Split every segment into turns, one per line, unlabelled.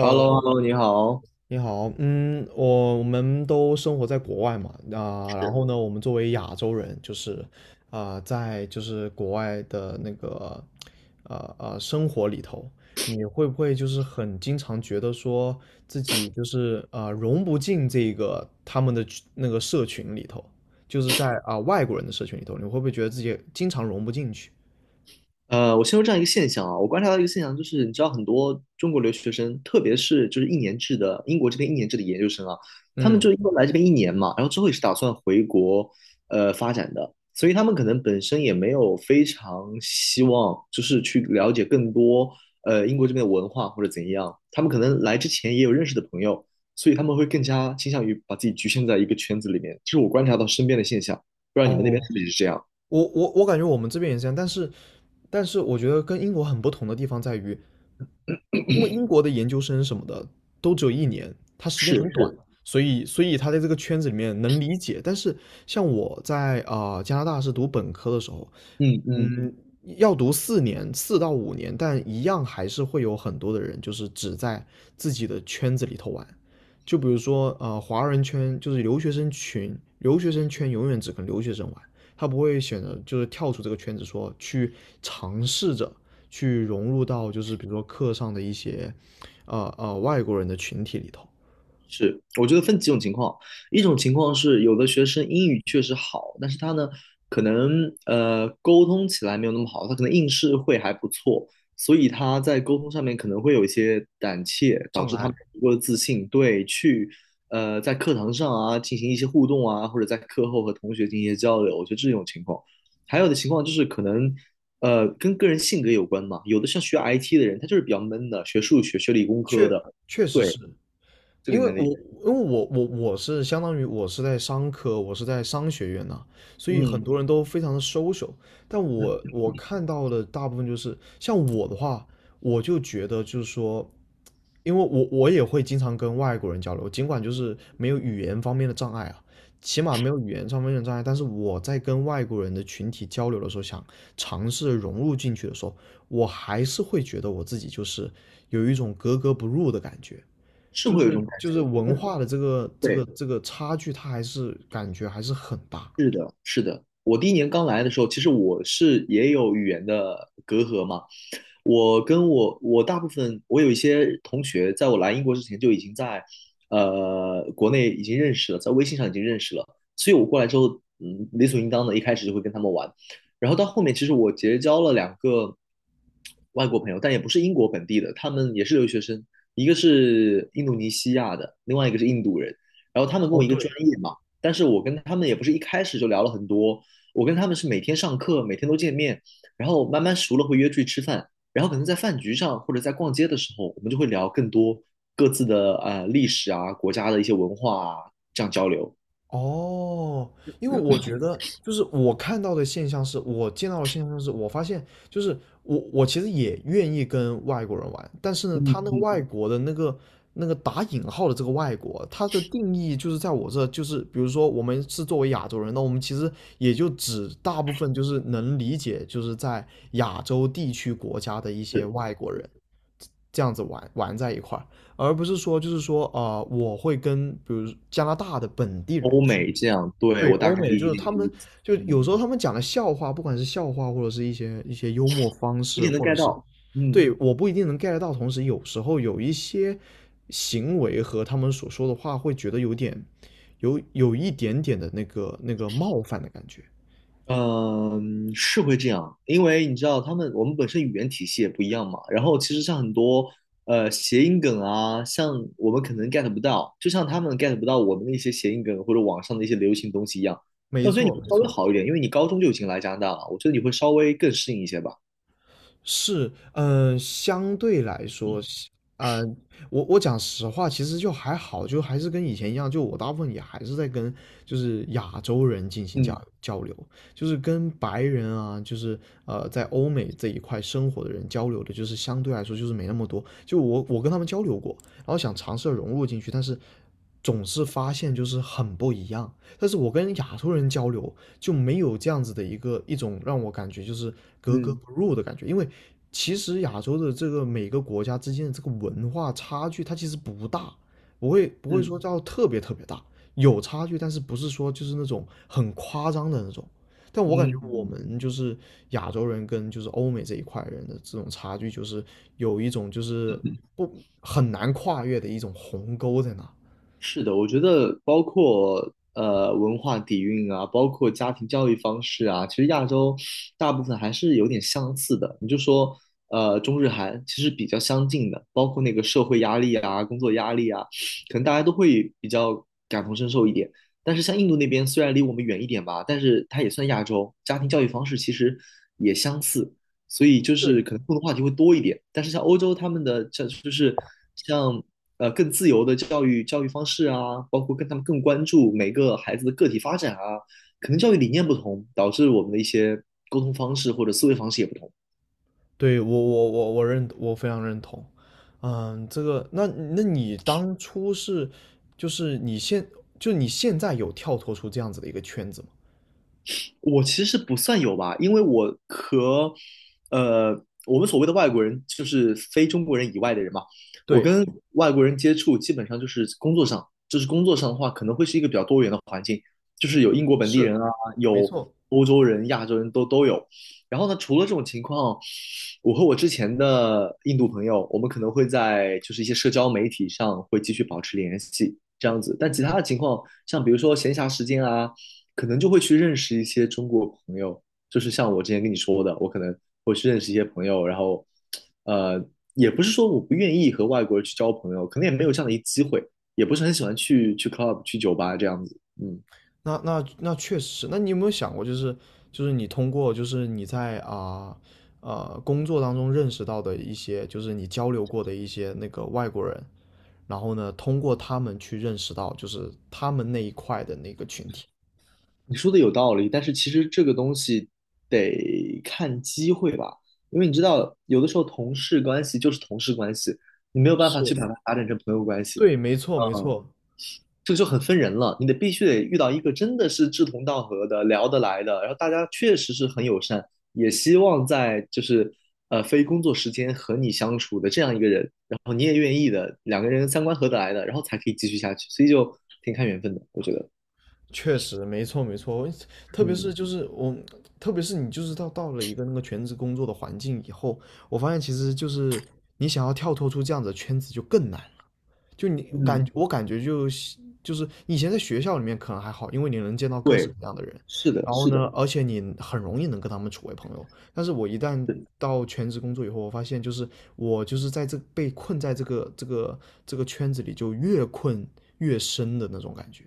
h e l l o hello 你好。
你好，嗯，我们都生活在国外嘛，啊、然后呢，我们作为亚洲人，就是啊、在就是国外的那个生活里头，你会不会就是很经常觉得说自己就是啊融不进这个他们的群那个社群里头，就是在啊、外国人的社群里头，你会不会觉得自己经常融不进去？
我先说这样一个现象啊，我观察到一个现象，就是你知道很多中国留学生，特别是就是一年制的英国这边一年制的研究生啊，他们
嗯，
就因为来这边一年嘛，然后之后也是打算回国发展的，所以他们可能本身也没有非常希望就是去了解更多英国这边的文化或者怎样，他们可能来之前也有认识的朋友，所以他们会更加倾向于把自己局限在一个圈子里面，其实我观察到身边的现象，不知道你们那边
哦，
是不是这样？
我感觉我们这边也是这样，但是我觉得跟英国很不同的地方在于，因为英国的研究生什么的都只有一年，他时间
是
很短，
是，
所以他在这个圈子里面能理解。但是像我在啊、加拿大是读本科的时候，
嗯嗯，
嗯，要读四年，四到五年，但一样还是会有很多的人，就是只在自己的圈子里头玩。就比如说，华人圈就是留学生群，留学生圈永远只跟留学生玩，他不会选择就是跳出这个圈子说，去尝试着去融入到就是比如说课上的一些，外国人的群体里头。
是，我觉得分几种情况，一种情况是有的学生英语确实好，但是他呢，可能沟通起来没有那么好，他可能应试会还不错，所以他在沟通上面可能会有一些胆怯，导
障
致他没
碍
有足够的自信，对，去在课堂上啊进行一些互动啊，或者在课后和同学进行一些交流，我觉得这种情况，还有的情况就是可能。跟个人性格有关嘛。有的像学 IT 的人，他就是比较闷的，学数学、学理工科
确
的，
确实
对，
是，
这个
因为
能
我
力
因为我我我是相当于我是在商科，我是在商学院呐、所以很
嗯，
多人都非常的 social。但我看到的大部分就是像我的话，我就觉得就是说，因为我也会经常跟外国人交流，尽管就是没有语言方面的障碍啊，起码没有语言上面的障碍。但是我在跟外国人的群体交流的时候，想尝试融入进去的时候，我还是会觉得我自己就是有一种格格不入的感觉。
是
就
会有一
是
种感
就是
觉，
文化的这个这个
对。
这个差距，它还是感觉还是很大。
是的，是的。我第1年刚来的时候，其实我是也有语言的隔阂嘛。我跟我大部分我有一些同学，在我来英国之前就已经在国内已经认识了，在微信上已经认识了，所以我过来之后，嗯，理所应当的一开始就会跟他们玩。然后到后面，其实我结交了两个外国朋友，但也不是英国本地的，他们也是留学生，一个是印度尼西亚的，另外一个是印度人。然后他们跟
哦，
我一个专
对，
业嘛，但是我跟他们也不是一开始就聊了很多，我跟他们是每天上课，每天都见面，然后慢慢熟了会约出去吃饭，然后可能在饭局上或者在逛街的时候，我们就会聊更多各自的历史啊、国家的一些文化啊，这样交流。
哦，因为我觉得就是我看到的现象是，我见到的现象是，我发现就是我其实也愿意跟外国人玩，但是呢，
嗯
他那个
嗯，
外国的那个打引号的这个外国，他的定义就是在我这，就是比如说我们是作为亚洲人，那我们其实也就只大部分就是能理解，就是在亚洲地区国家的一些
是
外国人这样子玩玩在一块儿，而不是说就是说啊、我会跟比如加拿大的本地人
欧
去，
美这样，对，
对
我大
欧
概
美的，就
理
是
解你
他
的
们
意思，
就
嗯，
有时候他们讲的笑话，不管是笑话或者是一些幽默方
一
式，
点能
或者
get
是
到，嗯。
对我不一定能 get 到，同时有时候有一些行为和他们所说的话，会觉得有点有一点点的那个冒犯的感觉。
嗯，是会这样，因为你知道他们我们本身语言体系也不一样嘛。然后其实像很多谐音梗啊，像我们可能 get 不到，就像他们 get 不到我们的一些谐音梗或者网上的一些流行东西一样。
没
但我觉得你
错，
会
没
稍微
错。
好一点，因为你高中就已经来加拿大了，我觉得你会稍微更适应一些吧。
是，嗯、相对来说，呃，我讲实话，其实就还好，就还是跟以前一样，就我大部分也还是在跟就是亚洲人进行交
嗯
交流，就是跟白人啊，就是在欧美这一块生活的人交流的，就是相对来说就是没那么多。就我跟他们交流过，然后想尝试着融入进去，但是总是发现就是很不一样。但是我跟亚洲人交流，就没有这样子的一种让我感觉就是格格
嗯
不入的感觉，因为其实亚洲的这个每个国家之间的这个文化差距，它其实不大，不会
嗯
说叫特别特别大，有差距，但是不是说就是那种很夸张的那种。但我感觉我
嗯，
们就是亚洲人跟就是欧美这一块人的这种差距，就是有一种就是不很难跨越的一种鸿沟在那。
是的，我觉得包括文化底蕴啊，包括家庭教育方式啊，其实亚洲大部分还是有点相似的。你就说中日韩其实比较相近的，包括那个社会压力啊、工作压力啊，可能大家都会比较感同身受一点。但是像印度那边虽然离我们远一点吧，但是它也算亚洲，家庭教育方式其实也相似。所以就是可能共同话题会多一点。但是像欧洲他们的这就是像更自由的教育方式啊，包括跟他们更关注每个孩子的个体发展啊，可能教育理念不同，导致我们的一些沟通方式或者思维方式也不同。
对我非常认同，嗯，这个那你当初是就是你现就你现在有跳脱出这样子的一个圈子吗？
我其实不算有吧，因为我和呃我们所谓的外国人，就是非中国人以外的人嘛。我
对，
跟外国人接触基本上就是工作上，就是工作上的话，可能会是一个比较多元的环境，就是有英国本地人
是，
啊，
没
有
错。
欧洲人、亚洲人都有。然后呢，除了这种情况，我和我之前的印度朋友，我们可能会在就是一些社交媒体上会继续保持联系，这样子。但其他的情况，像比如说闲暇时间啊，可能就会去认识一些中国朋友，就是像我之前跟你说的，我可能会去认识一些朋友，然后，呃，也不是说我不愿意和外国人去交朋友，可能也没有这样的一个机会，也不是很喜欢去 club 去酒吧这样子。嗯，
那确实，那你有没有想过，就是你通过就是你在啊工作当中认识到的一些，就是你交流过的一些那个外国人，然后呢，通过他们去认识到就是他们那一块的那个群体。
你说的有道理，但是其实这个东西得看机会吧，因为你知道，有的时候同事关系就是同事关系，你没有办法去
是，
把它发展成朋友关系。
对，没错没
嗯。
错。
这个就很分人了，你得必须得遇到一个真的是志同道合的、聊得来的，然后大家确实是很友善，也希望在就是非工作时间和你相处的这样一个人，然后你也愿意的，两个人三观合得来的，然后才可以继续下去，所以就挺看缘分的，我觉得。
确实，没错没错，特别
嗯，
是就是我，特别是你就是到了一个那个全职工作的环境以后，我发现其实就是你想要跳脱出这样子的圈子就更难。就你
嗯，
感我感觉就是以前在学校里面可能还好，因为你能见到各式
对，
各样的人，
是的，
然后
是的，
呢，
是的
而且你很容易能跟他们处为朋友。但是我一旦到全职工作以后，我发现就是我就是在这被困在这个圈子里，就越困越深的那种感觉，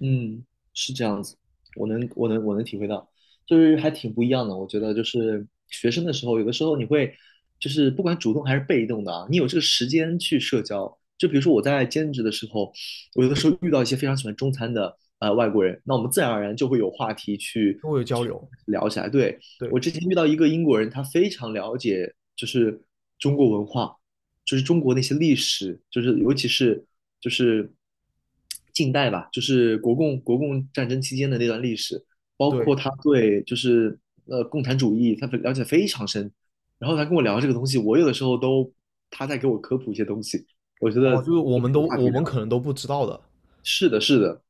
嗯，是这样子，我能体会到，就是还挺不一样的。我觉得就是学生的时候，有的时候你会，就是不管主动还是被动的啊，你有这个时间去社交。就比如说我在兼职的时候，我有的时候遇到一些非常喜欢中餐的外国人，那我们自然而然就会有话题去
跟我有交
去
流。
聊起来。对，我
对，
之前遇到一个英国人，他非常了解就是中国文化，就是中国那些历史，就是尤其是就是近代吧，就是国共战争期间的那段历史，包括
对，
他对就是共产主义，他了解非常深。然后他跟我聊这个东西，我有的时候都他在给我科普一些东西，我觉得
哦，就是我
就
们都
没话
我
题
们
聊。
可能都不知道的。
是的，是的，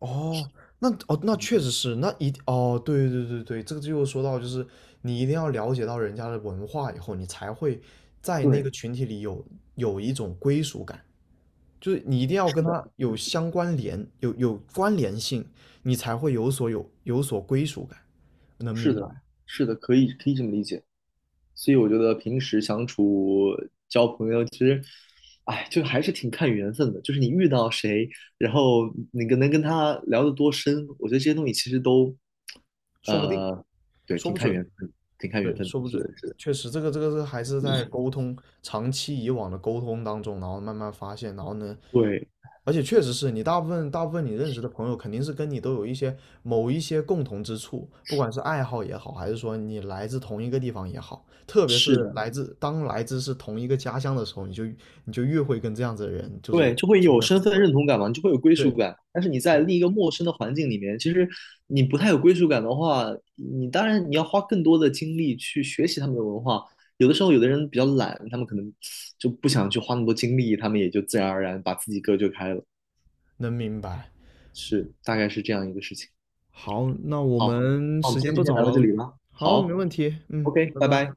哦，那哦那确实是，哦对对对对，这个就说到就是你一定要了解到人家的文化以后，你才会在那
对，
个群体里有一种归属感，就是你一定要跟
是的。
他有相关联，有关联性，你才会有所归属感，能
是
明白？
的，是的，可以可以这么理解。所以我觉得平时相处交朋友，其实，哎，就还是挺看缘分的。就是你遇到谁，然后你跟能跟他聊得多深，我觉得这些东西其实都，
说不定，
呃，对，
说
挺
不
看
准。
缘分，挺看缘
对，
分的。
说不
是
准，
的，是的，
确实，这个这个是还是在沟通，长期以往的沟通当中，然后慢慢发现，然后呢，
对，
而且确实是你大部分你认识的朋友，肯定是跟你都有一些某一些共同之处，不管是爱好也好，还是说你来自同一个地方也好，特别
是
是
的。
来自是同一个家乡的时候，你就越会跟这样子的人就是
对，就会
处
有
为好，
身份认同感嘛，你就会有归属
对
感。但是你在
对，
另一个陌生的环境里面，其实你不太有归属感的话，你当然你要花更多的精力去学习他们的文化。有的时候，有的人比较懒，他们可能就不想去花那么多精力，他们也就自然而然把自己隔绝开了。
能明白。
是，大概是这样一个事情。
好，那我
好，
们
那我们
时
今
间不
天就先
早
聊到这
了，
里了。
好，没
好
问题，嗯，
，OK,
拜
拜
拜。
拜。